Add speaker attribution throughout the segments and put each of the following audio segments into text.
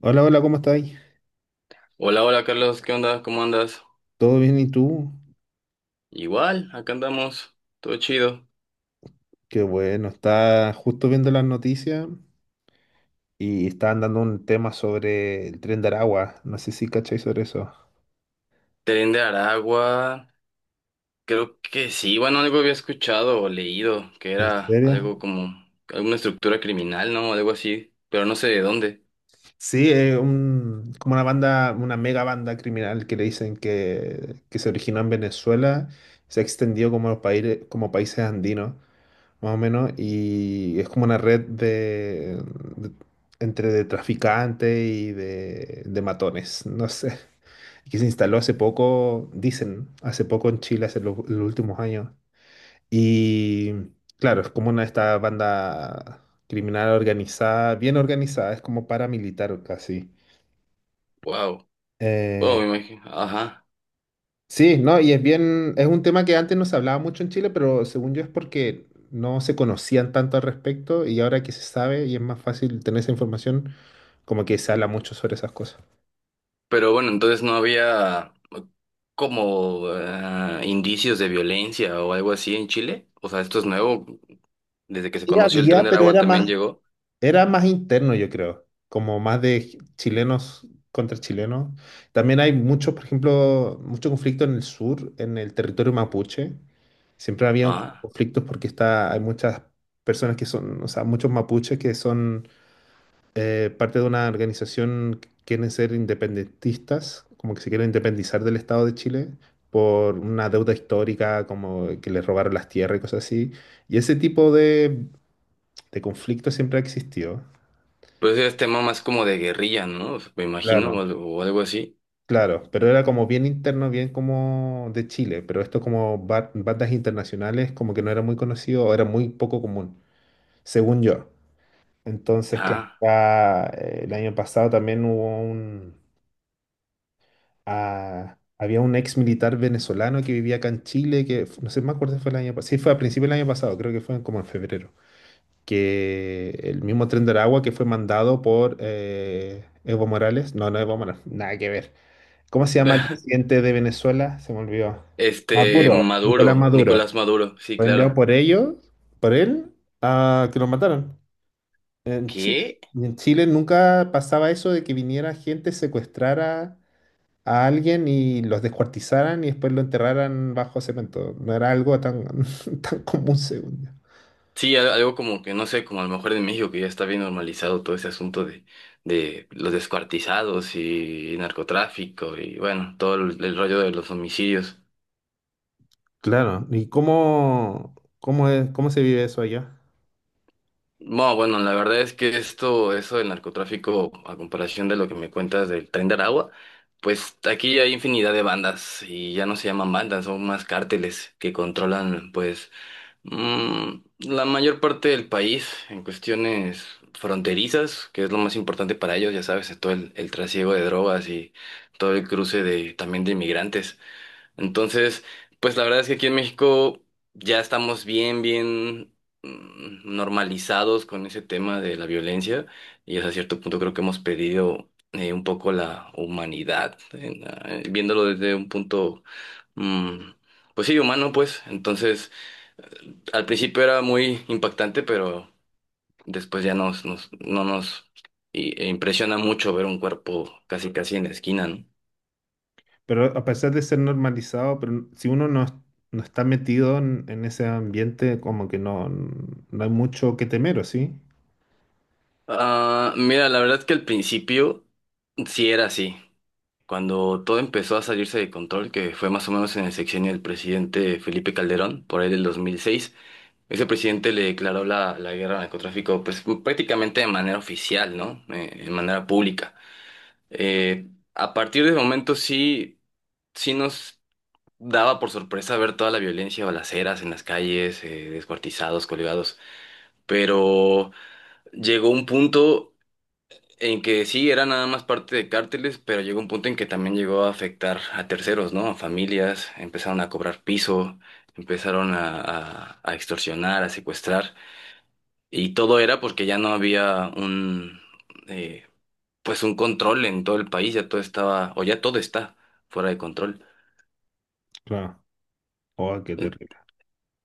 Speaker 1: Hola, hola, ¿cómo estáis?
Speaker 2: Hola, hola Carlos, ¿qué onda? ¿Cómo andas?
Speaker 1: ¿Todo bien y tú?
Speaker 2: Igual, acá andamos, todo chido.
Speaker 1: Qué bueno, estaba justo viendo las noticias y estaban dando un tema sobre el tren de Aragua. No sé si cacháis sobre eso.
Speaker 2: Tren de Aragua, creo que sí, bueno, algo había escuchado o leído, que
Speaker 1: ¿En
Speaker 2: era
Speaker 1: serio?
Speaker 2: algo como alguna estructura criminal, ¿no? Algo así, pero no sé de dónde.
Speaker 1: Sí, es un, como una banda, una mega banda criminal que le dicen que se originó en Venezuela, se extendió como los países, como países andinos, más o menos, y es como una red de- entre de traficantes y de matones, no sé. Que se instaló hace poco, dicen, ¿no? hace poco en Chile, hace los últimos años. Y claro, es como una esta banda criminal organizada, bien organizada, es como paramilitar casi.
Speaker 2: Wow. Wow,
Speaker 1: Eh,
Speaker 2: me imagino. Ajá.
Speaker 1: sí, ¿no? Y es bien, es un tema que antes no se hablaba mucho en Chile, pero según yo es porque no se conocían tanto al respecto y ahora que se sabe y es más fácil tener esa información, como que se habla mucho sobre esas cosas.
Speaker 2: Pero bueno, entonces no había como indicios de violencia o algo así en Chile. O sea, esto es nuevo, desde que se
Speaker 1: Sí
Speaker 2: conoció el Tren
Speaker 1: había,
Speaker 2: de
Speaker 1: pero
Speaker 2: Aragua
Speaker 1: era
Speaker 2: también
Speaker 1: más.
Speaker 2: llegó.
Speaker 1: Era más interno, yo creo, como más de chilenos contra chilenos. También hay mucho, por ejemplo, mucho conflicto en el sur, en el territorio mapuche. Siempre había
Speaker 2: Ajá.
Speaker 1: conflictos porque está, hay muchas personas que son, o sea, muchos mapuches que son parte de una organización que quieren ser independentistas, como que se quieren independizar del Estado de Chile por una deuda histórica, como que les robaron las tierras y cosas así. Y ese tipo de conflicto siempre ha existido.
Speaker 2: Pues es tema más como de guerrilla, ¿no? O sea, me imagino,
Speaker 1: Claro.
Speaker 2: o algo así.
Speaker 1: Claro, pero era como bien interno, bien como de Chile, pero esto como bandas internacionales como que no era muy conocido o era muy poco común, según yo. Entonces que
Speaker 2: Ah.
Speaker 1: acá el año pasado también hubo un... Ah, había un ex militar venezolano que vivía acá en Chile, que no sé, me acuerdo si fue el año pasado, sí fue a principios del año pasado, creo que fue como en febrero, que el mismo Tren de Aragua que fue mandado por Evo Morales, no, no Evo Morales, nada que ver. ¿Cómo se llama el presidente de Venezuela? Se me olvidó.
Speaker 2: Este,
Speaker 1: Maduro. Nicolás
Speaker 2: Maduro,
Speaker 1: Maduro.
Speaker 2: Nicolás Maduro, sí,
Speaker 1: Fue enviado
Speaker 2: claro.
Speaker 1: por ellos, por él, a que lo mataron en Chile.
Speaker 2: ¿Qué?
Speaker 1: Y en Chile nunca pasaba eso de que viniera gente, secuestrara a alguien y los descuartizaran y después lo enterraran bajo cemento. No era algo tan, tan común, según yo.
Speaker 2: Sí, algo como que, no sé, como a lo mejor en México que ya está bien normalizado todo ese asunto de los descuartizados y narcotráfico y bueno, todo el rollo de los homicidios.
Speaker 1: Claro. ¿Y cómo, cómo es, cómo se vive eso allá?
Speaker 2: No, bueno, la verdad es que esto, eso del narcotráfico, a comparación de lo que me cuentas del Tren de Aragua, pues aquí hay infinidad de bandas y ya no se llaman bandas, son más cárteles que controlan, pues, la mayor parte del país en cuestiones fronterizas, que es lo más importante para ellos, ya sabes, todo el trasiego de drogas y todo el cruce de también de inmigrantes. Entonces, pues la verdad es que aquí en México ya estamos bien, bien, normalizados con ese tema de la violencia y hasta cierto punto creo que hemos perdido un poco la humanidad, en viéndolo desde un punto, mm, pues sí, humano, pues. Entonces, al principio era muy impactante, pero después ya no nos impresiona mucho ver un cuerpo casi, casi en la esquina, ¿no?
Speaker 1: Pero a pesar de ser normalizado, pero si uno no, no está metido en ese ambiente, como que no, no hay mucho que temer, ¿o sí?
Speaker 2: Ah, mira, la verdad es que al principio... Sí, era así. Cuando todo empezó a salirse de control, que fue más o menos en el sexenio del presidente Felipe Calderón, por ahí del 2006, ese presidente le declaró la guerra al narcotráfico pues, prácticamente de manera oficial, ¿no? De manera pública. Eh, a partir de ese momento sí, sí nos daba por sorpresa ver toda la violencia, balaceras en las calles, descuartizados, colgados, pero llegó un punto en que sí, era nada más parte de cárteles, pero llegó un punto en que también llegó a afectar a terceros, ¿no? A familias, empezaron a cobrar piso, empezaron a extorsionar, a secuestrar, y todo era porque ya no había un, eh, pues un control en todo el país, ya todo estaba, o ya todo está fuera de control.
Speaker 1: Claro. Oh, qué terrible.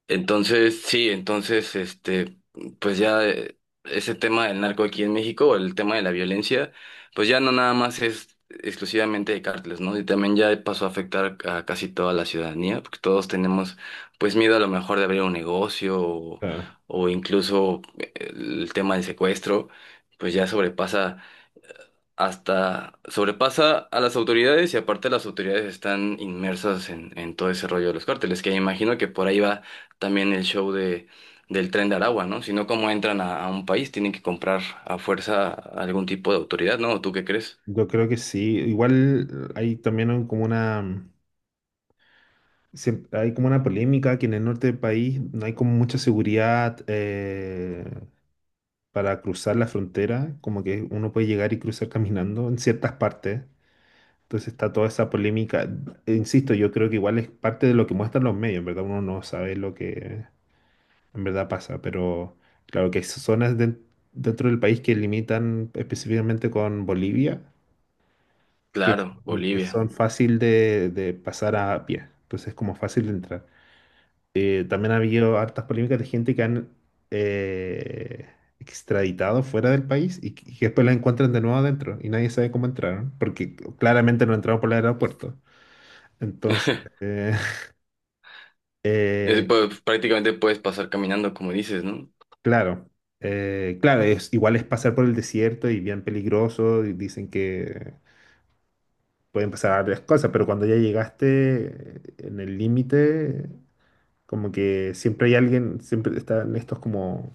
Speaker 2: Entonces, sí, entonces, este, pues ya ese tema del narco aquí en México, o el tema de la violencia, pues ya no nada más es exclusivamente de cárteles, ¿no? Y también ya pasó a afectar a casi toda la ciudadanía, porque todos tenemos, pues, miedo a lo mejor de abrir un negocio
Speaker 1: Claro.
Speaker 2: o incluso el tema del secuestro, pues ya sobrepasa hasta sobrepasa a las autoridades y aparte las autoridades están inmersas en todo ese rollo de los cárteles, que imagino que por ahí va también el show de, del Tren de Aragua, ¿no? Si no, ¿cómo entran a un país? Tienen que comprar a fuerza algún tipo de autoridad, ¿no? ¿Tú qué crees?
Speaker 1: Yo creo que sí. Igual hay también como una, hay como una polémica que en el norte del país no hay como mucha seguridad para cruzar la frontera, como que uno puede llegar y cruzar caminando en ciertas partes. Entonces está toda esa polémica. Insisto, yo creo que igual es parte de lo que muestran los medios, en verdad uno no sabe lo que en verdad pasa, pero claro que hay zonas dentro del país que limitan específicamente con Bolivia, que,
Speaker 2: Claro,
Speaker 1: que
Speaker 2: Bolivia.
Speaker 1: son fácil de pasar a pie, entonces es como fácil de entrar. También ha habido hartas polémicas de gente que han eh, extraditado fuera del país y que después la encuentran de nuevo adentro y nadie sabe cómo entraron, porque claramente no entraron por el aeropuerto. Entonces, eh, eh,
Speaker 2: Pues, prácticamente puedes pasar caminando, como dices, ¿no?
Speaker 1: claro, claro, es, igual es pasar por el desierto y bien peligroso, y dicen que pueden pasar varias cosas, pero cuando ya llegaste en el límite, como que siempre hay alguien, siempre están estos como,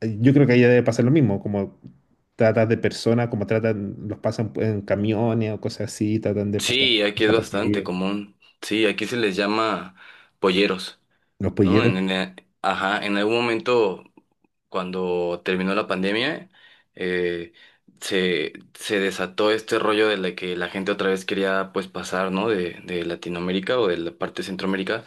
Speaker 1: yo creo que ahí debe pasar lo mismo, como tratas de personas, como tratan, los pasan en camiones o cosas así, tratan de pasar
Speaker 2: Sí, aquí es bastante
Speaker 1: desapercibidos.
Speaker 2: común. Sí, aquí se les llama polleros.
Speaker 1: Los
Speaker 2: ¿No?
Speaker 1: polleros.
Speaker 2: Ajá, en algún momento, cuando terminó la pandemia, eh, se, se desató este rollo de la que la gente otra vez quería pues pasar, ¿no? De Latinoamérica o de la parte de Centroamérica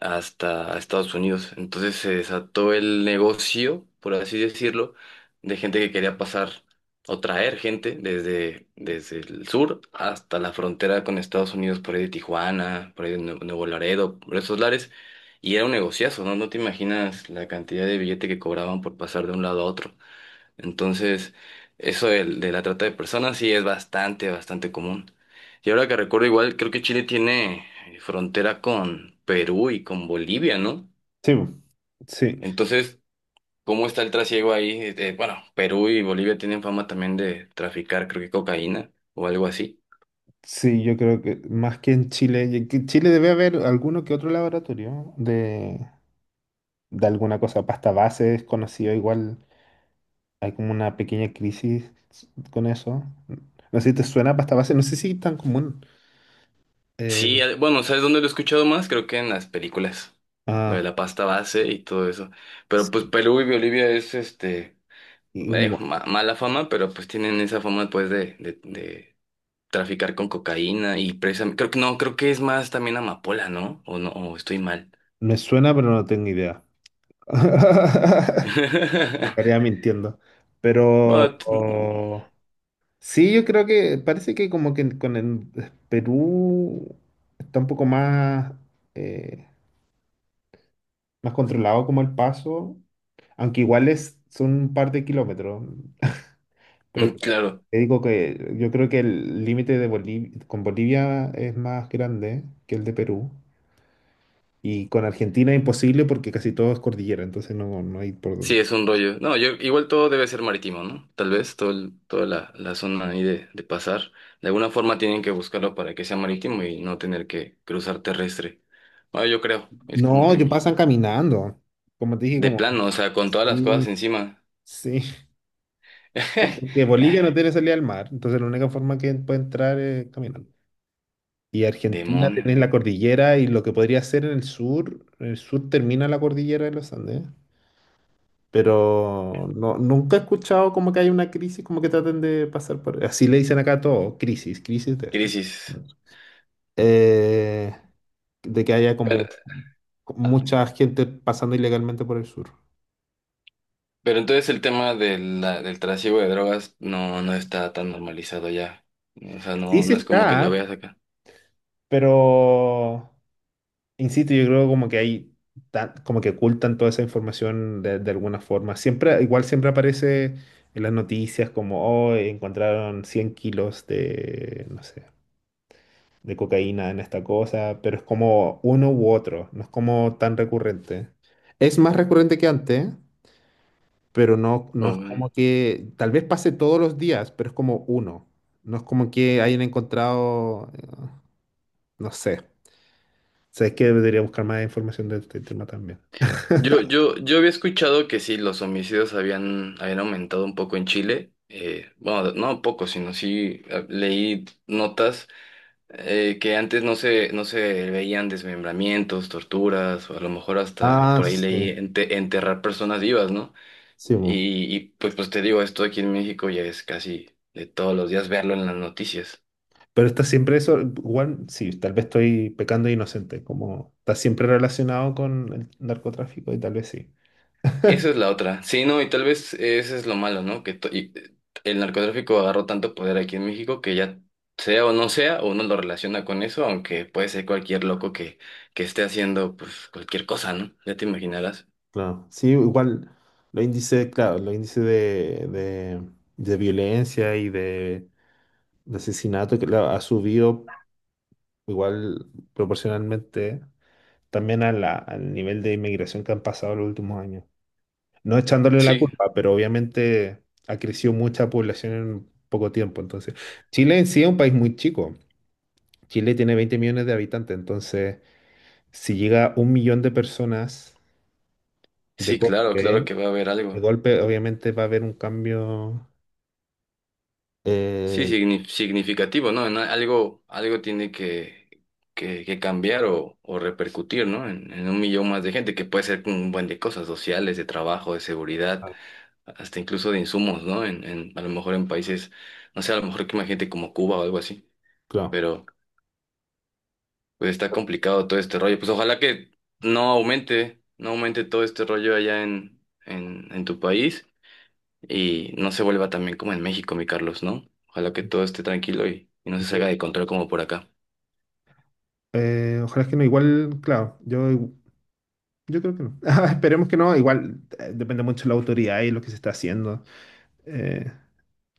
Speaker 2: hasta Estados Unidos. Entonces se desató el negocio, por así decirlo, de gente que quería pasar o traer gente desde, desde el sur hasta la frontera con Estados Unidos, por ahí de Tijuana, por ahí de Nuevo Laredo, por esos lares. Y era un negociazo, ¿no? No te imaginas la cantidad de billete que cobraban por pasar de un lado a otro. Entonces, eso de la trata de personas sí es bastante, bastante común. Y ahora que recuerdo, igual creo que Chile tiene frontera con Perú y con Bolivia, ¿no?
Speaker 1: Sí, sí.
Speaker 2: Entonces, ¿cómo está el trasiego ahí? Bueno, Perú y Bolivia tienen fama también de traficar, creo que cocaína o algo así.
Speaker 1: Sí, yo creo que más que en Chile, y que en Chile debe haber alguno que otro laboratorio de alguna cosa, pasta base es conocido, igual hay como una pequeña crisis con eso. No sé si te suena pasta base, no sé si es tan común.
Speaker 2: Sí,
Speaker 1: Eh,
Speaker 2: bueno, ¿sabes dónde lo he escuchado más? Creo que en las películas. Lo de
Speaker 1: ah,
Speaker 2: la pasta base y todo eso. Pero pues
Speaker 1: sí,
Speaker 2: Perú y Bolivia es este
Speaker 1: igua-
Speaker 2: mala fama, pero pues tienen esa fama pues de traficar con cocaína y presa. Creo que no, creo que es más también amapola, ¿no? O no, o estoy mal.
Speaker 1: me suena, pero no tengo idea. Estaría mintiendo. Pero,
Speaker 2: Bueno, t-
Speaker 1: sí, yo creo que parece que como que con el Perú está un poco más, eh, más controlado como el paso, aunque igual es, son un par de kilómetros. Pero
Speaker 2: mm,
Speaker 1: claro,
Speaker 2: claro.
Speaker 1: te digo que yo creo que el límite de Bolivia, con Bolivia es más grande que el de Perú. Y con Argentina es imposible porque casi todo es cordillera, entonces no, no hay por
Speaker 2: Sí,
Speaker 1: dónde.
Speaker 2: es un rollo. No, yo igual todo debe ser marítimo, ¿no? Tal vez todo toda la, la zona ahí de pasar. De alguna forma tienen que buscarlo para que sea marítimo y no tener que cruzar terrestre. Ah, yo creo. Es como
Speaker 1: No,
Speaker 2: que
Speaker 1: yo
Speaker 2: mi...
Speaker 1: pasan caminando. Como te dije,
Speaker 2: De
Speaker 1: como
Speaker 2: plano, o sea, con todas las cosas
Speaker 1: sí,
Speaker 2: encima.
Speaker 1: sí. No, porque
Speaker 2: Eh,
Speaker 1: Bolivia no tiene salida al mar, entonces la única forma que puede entrar es caminando. Y Argentina
Speaker 2: demonio.
Speaker 1: tiene la cordillera y lo que podría ser en el sur termina la cordillera de los Andes, pero no, nunca he escuchado como que hay una crisis, como que traten de pasar por... Así le dicen acá a todo, crisis, crisis de esto.
Speaker 2: Crisis.
Speaker 1: Eh, de que haya
Speaker 2: Pero,
Speaker 1: como
Speaker 2: ah,
Speaker 1: mucha gente pasando ilegalmente por el sur.
Speaker 2: pero entonces el tema de del trasiego de drogas no, no está tan normalizado ya. O sea,
Speaker 1: Sí,
Speaker 2: no,
Speaker 1: sí
Speaker 2: no es como que lo
Speaker 1: está,
Speaker 2: veas acá.
Speaker 1: pero... Insisto, yo creo como que hay, como que ocultan toda esa información de alguna forma. Siempre, igual siempre aparece en las noticias como, oh, encontraron 100 kilos de, no sé, de cocaína en esta cosa, pero es como uno u otro, no es como tan recurrente. Es más recurrente que antes, pero no, no es como que, tal vez pase todos los días, pero es como uno. No es como que hayan encontrado, no sé. O sea, es que debería buscar más información de este tema también.
Speaker 2: Yo había escuchado que sí, los homicidios habían, habían aumentado un poco en Chile. Bueno, no un poco, sino sí leí notas que antes no se, no se veían desmembramientos, torturas, o a lo mejor hasta
Speaker 1: Ah,
Speaker 2: por ahí leí
Speaker 1: sí,
Speaker 2: enterrar personas vivas, ¿no?
Speaker 1: sí. Mo.
Speaker 2: Y pues, pues te digo, esto aquí en México ya es casi de todos los días verlo en las noticias.
Speaker 1: Pero está siempre eso, igual, sí, tal vez estoy pecando de inocente, como está siempre relacionado con el narcotráfico y tal vez sí.
Speaker 2: Esa es la otra. Sí, no, y tal vez eso es lo malo, ¿no? Que el narcotráfico agarró tanto poder aquí en México que ya sea o no sea, uno lo relaciona con eso, aunque puede ser cualquier loco que esté haciendo pues cualquier cosa, ¿no? Ya te imaginarás.
Speaker 1: Claro, sí, igual los índices, claro, los índices de violencia y de asesinato que claro, ha subido igual proporcionalmente también a al nivel de inmigración que han pasado los últimos años. No echándole la
Speaker 2: Sí,
Speaker 1: culpa, pero obviamente ha crecido mucha población en poco tiempo. Entonces, Chile en sí es un país muy chico. Chile tiene 20 millones de habitantes. Entonces, si llega 1 millón de personas de
Speaker 2: sí, claro, claro
Speaker 1: golpe,
Speaker 2: que va a haber
Speaker 1: de
Speaker 2: algo.
Speaker 1: golpe, obviamente va a haber un cambio.
Speaker 2: Sí,
Speaker 1: eh,
Speaker 2: significativo, ¿no? En algo, algo tiene que cambiar o repercutir, ¿no? En un millón más de gente, que puede ser un buen de cosas sociales, de trabajo, de seguridad.
Speaker 1: ah,
Speaker 2: Hasta incluso de insumos, ¿no? En, a lo mejor en países, no sé, a lo mejor que imagínate como Cuba o algo así,
Speaker 1: claro.
Speaker 2: pero pues está complicado todo este rollo. Pues ojalá que no aumente, no aumente todo este rollo allá en tu país y no se vuelva también como en México, mi Carlos, ¿no? Ojalá que todo esté tranquilo y no se salga de control como por acá.
Speaker 1: Ojalá que no, igual, claro, yo creo que no. Esperemos que no, igual depende mucho de la autoridad y lo que se está haciendo. Eh,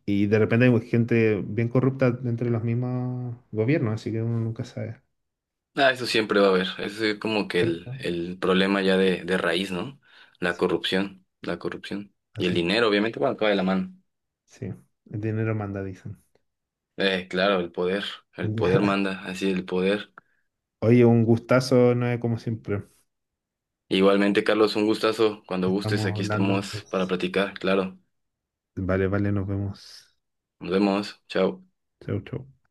Speaker 1: Y de repente hay gente bien corrupta dentro de los mismos gobiernos, así que uno nunca sabe.
Speaker 2: Ah, eso siempre va a haber, eso es como que
Speaker 1: ¿Cierto?
Speaker 2: el problema ya de raíz, ¿no? La corrupción, la corrupción. Y el
Speaker 1: Así,
Speaker 2: dinero, obviamente, bueno, acaba de la mano.
Speaker 1: sí. El dinero manda, dicen.
Speaker 2: Claro, el poder
Speaker 1: Ya.
Speaker 2: manda, así el poder.
Speaker 1: Oye, un gustazo, no es como siempre.
Speaker 2: Igualmente, Carlos, un gustazo. Cuando gustes,
Speaker 1: Estamos
Speaker 2: aquí
Speaker 1: hablando
Speaker 2: estamos para
Speaker 1: entonces.
Speaker 2: platicar, claro.
Speaker 1: Vale, vale, nos vemos.
Speaker 2: Nos vemos, chao.
Speaker 1: Chau, chau.